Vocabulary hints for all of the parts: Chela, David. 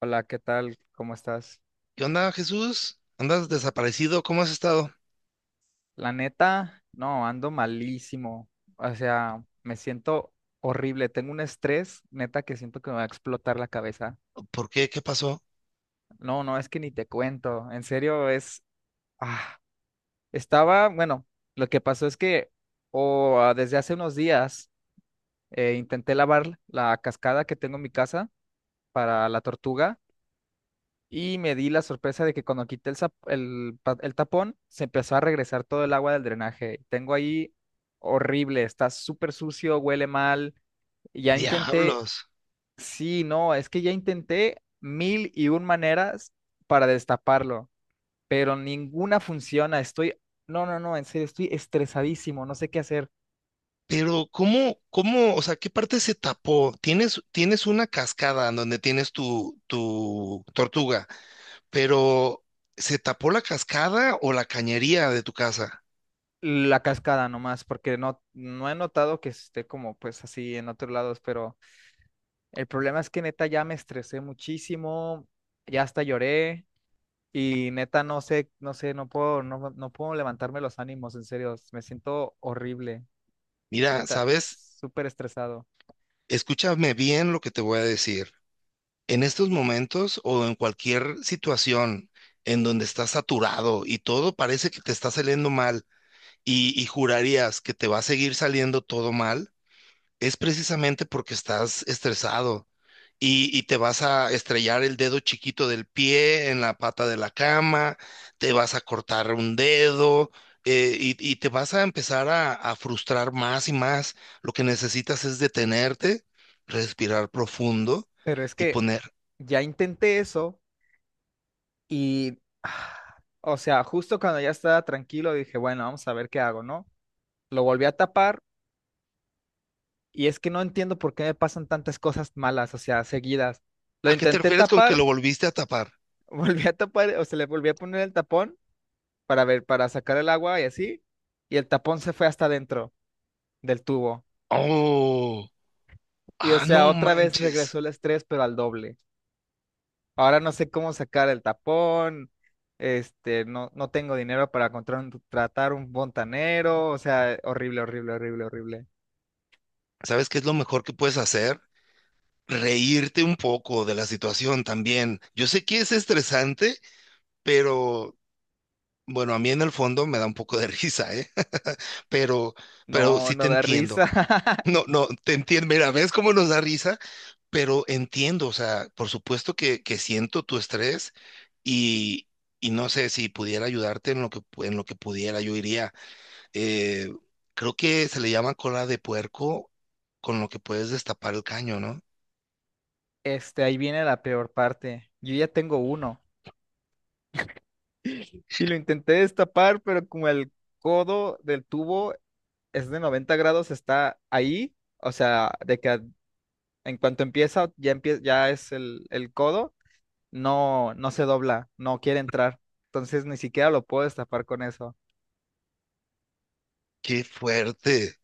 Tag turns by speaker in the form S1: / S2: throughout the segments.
S1: Hola, ¿qué tal? ¿Cómo estás?
S2: ¿Qué onda, Jesús? ¿Andas desaparecido? ¿Cómo has estado?
S1: La neta, no, ando malísimo. O sea, me siento horrible. Tengo un estrés, neta, que siento que me va a explotar la cabeza.
S2: ¿Por qué? ¿Qué pasó?
S1: No, es que ni te cuento. En serio, es... Ah, estaba, bueno, lo que pasó es que desde hace unos días intenté lavar la cascada que tengo en mi casa para la tortuga. Y me di la sorpresa de que cuando quité el, zap- el, pa- el tapón, se empezó a regresar todo el agua del drenaje. Tengo ahí horrible, está súper sucio, huele mal. Ya intenté,
S2: Diablos.
S1: sí, no, es que ya intenté mil y un maneras para destaparlo, pero ninguna funciona. Estoy, no, en serio, estoy estresadísimo, no sé qué hacer.
S2: Pero, ¿cómo, o sea, ¿qué parte se tapó? Tienes una cascada en donde tienes tu tortuga, pero ¿se tapó la cascada o la cañería de tu casa?
S1: La cascada nomás, porque no he notado que esté como pues así en otros lados, pero... El problema es que neta ya me estresé muchísimo, ya hasta lloré y neta no sé, no puedo levantarme los ánimos, en serio, me siento horrible,
S2: Mira,
S1: neta,
S2: ¿sabes?
S1: súper estresado.
S2: Escúchame bien lo que te voy a decir. En estos momentos o en cualquier situación en donde estás saturado y todo parece que te está saliendo mal, y jurarías que te va a seguir saliendo todo mal, es precisamente porque estás estresado y te vas a estrellar el dedo chiquito del pie en la pata de la cama, te vas a cortar un dedo y te vas a empezar a frustrar más y más. Lo que necesitas es detenerte, respirar profundo
S1: Pero es
S2: y
S1: que
S2: poner,
S1: ya intenté eso y, o sea, justo cuando ya estaba tranquilo dije, bueno, vamos a ver qué hago, ¿no? Lo volví a tapar y es que no entiendo por qué me pasan tantas cosas malas, o sea, seguidas. Lo
S2: ¿a qué te
S1: intenté
S2: refieres con que
S1: tapar,
S2: lo volviste a tapar?
S1: volví a tapar, o sea, le volví a poner el tapón para ver, para sacar el agua y así, y el tapón se fue hasta adentro del tubo.
S2: Oh,
S1: Y o
S2: ah,
S1: sea,
S2: no
S1: otra vez
S2: manches.
S1: regresó el estrés, pero al doble. Ahora no sé cómo sacar el tapón, este, no tengo dinero para tratar un fontanero, o sea, horrible, horrible, horrible, horrible.
S2: ¿Sabes qué es lo mejor que puedes hacer? Reírte un poco de la situación también. Yo sé que es estresante, pero bueno, a mí en el fondo me da un poco de risa, ¿eh? Pero, pero
S1: No,
S2: sí te
S1: no da
S2: entiendo.
S1: risa.
S2: No, no, te entiendo. Mira, ¿ves cómo nos da risa? Pero entiendo, o sea, por supuesto que siento tu estrés y, y no sé si pudiera ayudarte en lo que, en lo que pudiera, yo iría. Eh, Creo que se le llama cola de puerco con lo que puedes destapar el caño, ¿no?
S1: Este, ahí viene la peor parte. Yo ya tengo uno. Y lo intenté destapar, pero como el codo del tubo es de 90 grados, está ahí, o sea, de que en cuanto empieza, ya es el codo, no, no se dobla, no quiere entrar. Entonces ni siquiera lo puedo destapar con eso.
S2: Qué fuerte.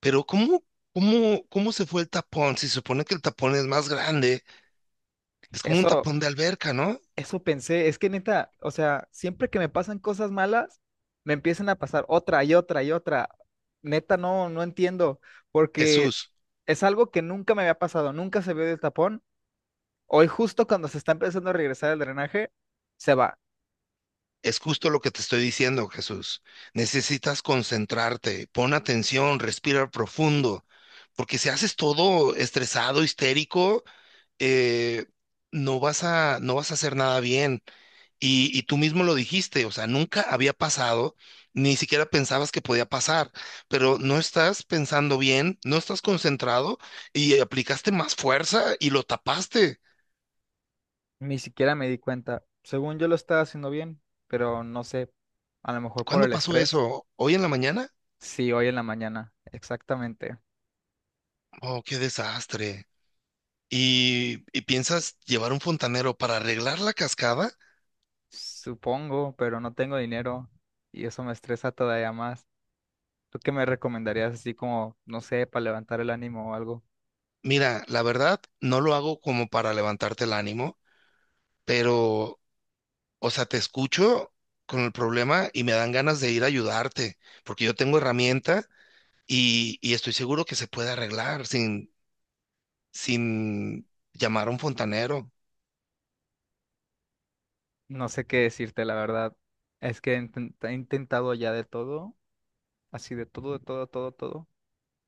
S2: Pero ¿cómo, cómo se fue el tapón? Si se supone que el tapón es más grande, es como un
S1: Eso,
S2: tapón de alberca, ¿no?
S1: eso pensé, es que neta, o sea, siempre que me pasan cosas malas, me empiezan a pasar otra y otra y otra. Neta, no entiendo, porque
S2: Jesús,
S1: es algo que nunca me había pasado, nunca se vio del tapón. Hoy justo cuando se está empezando a regresar el drenaje, se va.
S2: es justo lo que te estoy diciendo, Jesús. Necesitas concentrarte, pon atención, respira profundo, porque si haces todo estresado, histérico, eh, no vas a, no vas a hacer nada bien. Y tú mismo lo dijiste, o sea, nunca había pasado, ni siquiera pensabas que podía pasar, pero no estás pensando bien, no estás concentrado y aplicaste más fuerza y lo tapaste.
S1: Ni siquiera me di cuenta. Según yo lo estaba haciendo bien, pero no sé, a lo mejor por
S2: ¿Cuándo
S1: el
S2: pasó
S1: estrés.
S2: eso? ¿Hoy en la mañana?
S1: Sí, hoy en la mañana, exactamente.
S2: Oh, qué desastre. Y piensas llevar un fontanero para arreglar la cascada?
S1: Supongo, pero no tengo dinero y eso me estresa todavía más. ¿Tú qué me recomendarías así como, no sé, para levantar el ánimo o algo?
S2: Mira, la verdad, no lo hago como para levantarte el ánimo, pero o sea, te escucho con el problema y me dan ganas de ir a ayudarte, porque yo tengo herramienta y estoy seguro que se puede arreglar sin, sin llamar a un fontanero.
S1: No sé qué decirte, la verdad. Es que he intentado ya de todo, así de todo, todo, todo.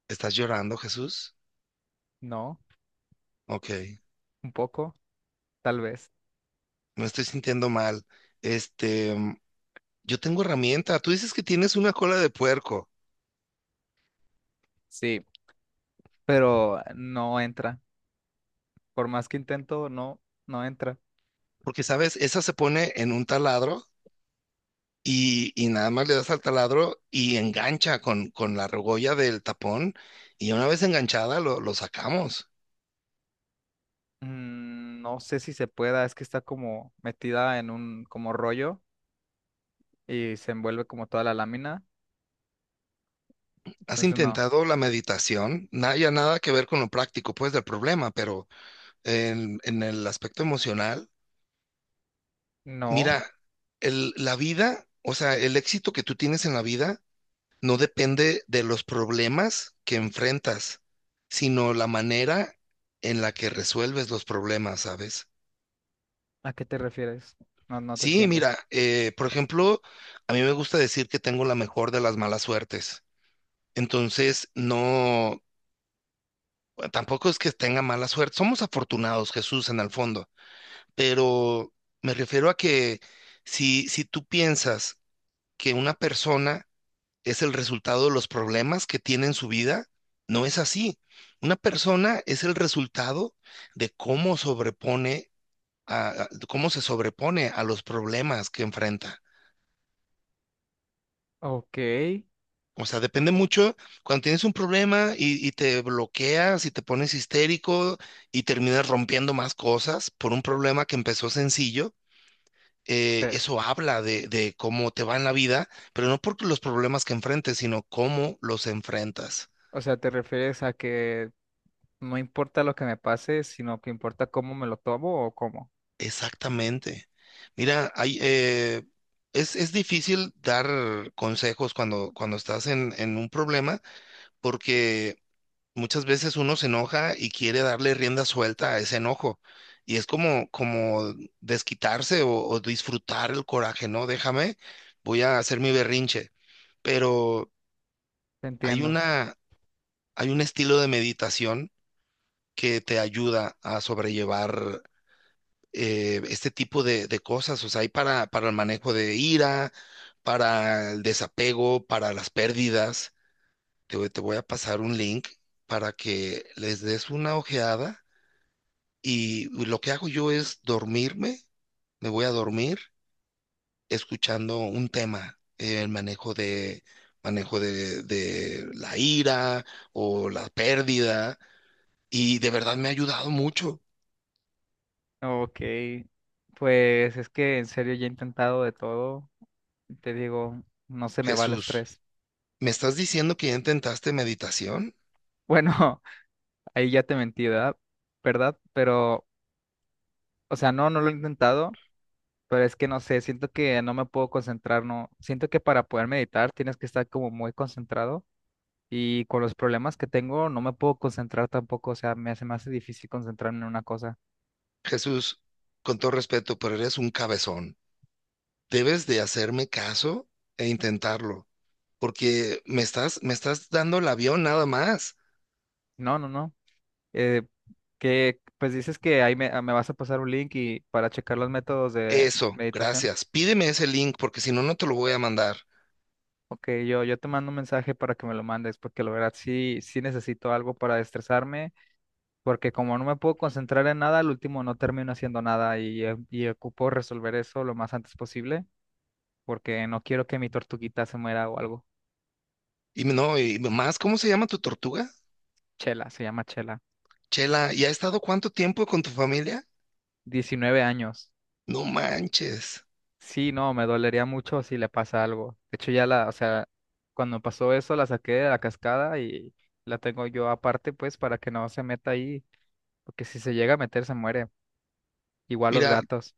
S2: ¿Estás llorando, Jesús?
S1: No,
S2: Ok,
S1: un poco, tal vez.
S2: me estoy sintiendo mal. Este, yo tengo herramienta. Tú dices que tienes una cola de puerco,
S1: Sí, pero no entra. Por más que intento, no entra.
S2: porque sabes, esa se pone en un taladro y nada más le das al taladro y engancha con la argolla del tapón y una vez enganchada lo sacamos.
S1: Mm, no sé si se pueda, es que está como metida en un como rollo y se envuelve como toda la lámina.
S2: ¿Has
S1: Entonces no.
S2: intentado la meditación? Nada, ya nada que ver con lo práctico, pues, del problema, pero en el aspecto emocional,
S1: No.
S2: mira, el- la vida, o sea, el éxito que tú tienes en la vida no depende de los problemas que enfrentas, sino la manera en la que resuelves los problemas, ¿sabes?
S1: ¿A qué te refieres? No, no te
S2: Sí,
S1: entiendo.
S2: mira, por ejemplo, a mí me gusta decir que tengo la mejor de las malas suertes. Entonces, no, bueno, tampoco es que tenga mala suerte. Somos afortunados, Jesús, en el fondo. Pero me refiero a que si, si tú piensas que una persona es el resultado de los problemas que tiene en su vida, no es así. Una persona es el resultado de cómo sobrepone a, cómo se sobrepone a los problemas que enfrenta.
S1: Ok,
S2: O sea, depende mucho cuando tienes un problema y te bloqueas y te pones histérico y terminas rompiendo más cosas por un problema que empezó sencillo. Eso habla de cómo te va en la vida, pero no por los problemas que enfrentes, sino cómo los enfrentas.
S1: o sea, ¿te refieres a que no importa lo que me pase, sino que importa cómo me lo tomo o cómo?
S2: Exactamente. Mira, hay, es difícil dar consejos cuando, cuando estás en un problema porque muchas veces uno se enoja y quiere darle rienda suelta a ese enojo. Y es como, como desquitarse o disfrutar el coraje, ¿no? Déjame, voy a hacer mi berrinche. Pero
S1: Te
S2: hay
S1: entiendo.
S2: una, hay un estilo de meditación que te ayuda a sobrellevar este tipo de cosas. O sea, hay para el manejo de ira, para el desapego, para las pérdidas. Te, te voy a pasar un link para que les des una ojeada. Y lo que hago yo es dormirme, me voy a dormir escuchando un tema, el manejo de la ira o la pérdida, y de verdad me ha ayudado mucho.
S1: Ok. Pues es que en serio ya he intentado de todo. Te digo, no se me va el
S2: Jesús,
S1: estrés.
S2: ¿me estás diciendo que ya intentaste meditación?
S1: Bueno, ahí ya te mentí, ¿verdad? ¿Verdad? Pero o sea, no lo he intentado, pero es que no sé, siento que no me puedo concentrar, no. Siento que para poder meditar tienes que estar como muy concentrado y con los problemas que tengo no me puedo concentrar tampoco, o sea, se me hace difícil concentrarme en una cosa.
S2: Jesús, con todo respeto, pero eres un cabezón. Debes de hacerme caso e intentarlo, porque me estás dando el avión nada más.
S1: No, no, no. Eh, que pues dices que ahí me vas a pasar un link y para checar los métodos de
S2: Eso,
S1: meditación.
S2: gracias. Pídeme ese link porque si no, no te lo voy a mandar.
S1: Ok, yo te mando un mensaje para que me lo mandes, porque la verdad sí, sí necesito algo para estresarme porque como no me puedo concentrar en nada, al último no termino haciendo nada y, y ocupo resolver eso lo más antes posible, porque no quiero que mi tortuguita se muera o algo.
S2: Y no, y más, ¿cómo se llama tu tortuga?
S1: Chela, se llama Chela.
S2: Chela, ¿y ha estado cuánto tiempo con tu familia?
S1: 19 años.
S2: No manches.
S1: Sí, no, me dolería mucho si le pasa algo. De hecho, ya la, o sea, cuando pasó eso la saqué de la cascada y la tengo yo aparte, pues, para que no se meta ahí, porque si se llega a meter se muere. Igual los
S2: Mira,
S1: gatos.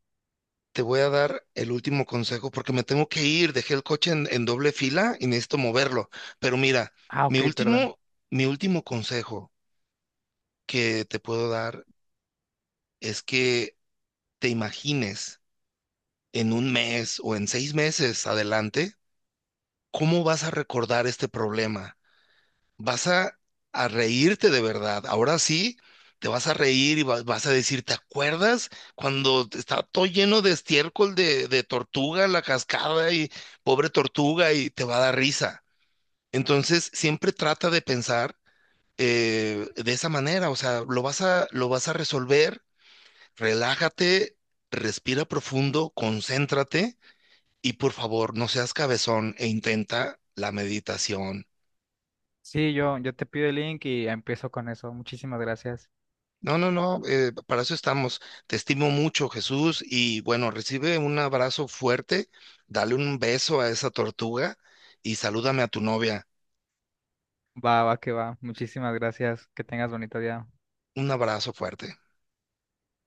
S2: te voy a dar el último consejo porque me tengo que ir. Dejé el coche en doble fila y necesito moverlo. Pero mira,
S1: Ah,
S2: mi
S1: ok, perdón.
S2: último, mi último consejo que te puedo dar es que te imagines en un mes o en 6 meses adelante cómo vas a recordar este problema. Vas a reírte de verdad. Ahora sí, te vas a reír y vas a decir, ¿te acuerdas cuando estaba todo lleno de estiércol de tortuga, la cascada y pobre tortuga y te va a dar risa? Entonces, siempre trata de pensar de esa manera, o sea, lo vas a resolver, relájate, respira profundo, concéntrate y por favor, no seas cabezón e intenta la meditación.
S1: Sí, yo te pido el link y empiezo con eso. Muchísimas gracias.
S2: No, no, no, para eso estamos. Te estimo mucho, Jesús, y bueno, recibe un abrazo fuerte, dale un beso a esa tortuga y salúdame a tu novia.
S1: Va, va, que va. Muchísimas gracias. Que tengas bonito día.
S2: Un abrazo fuerte.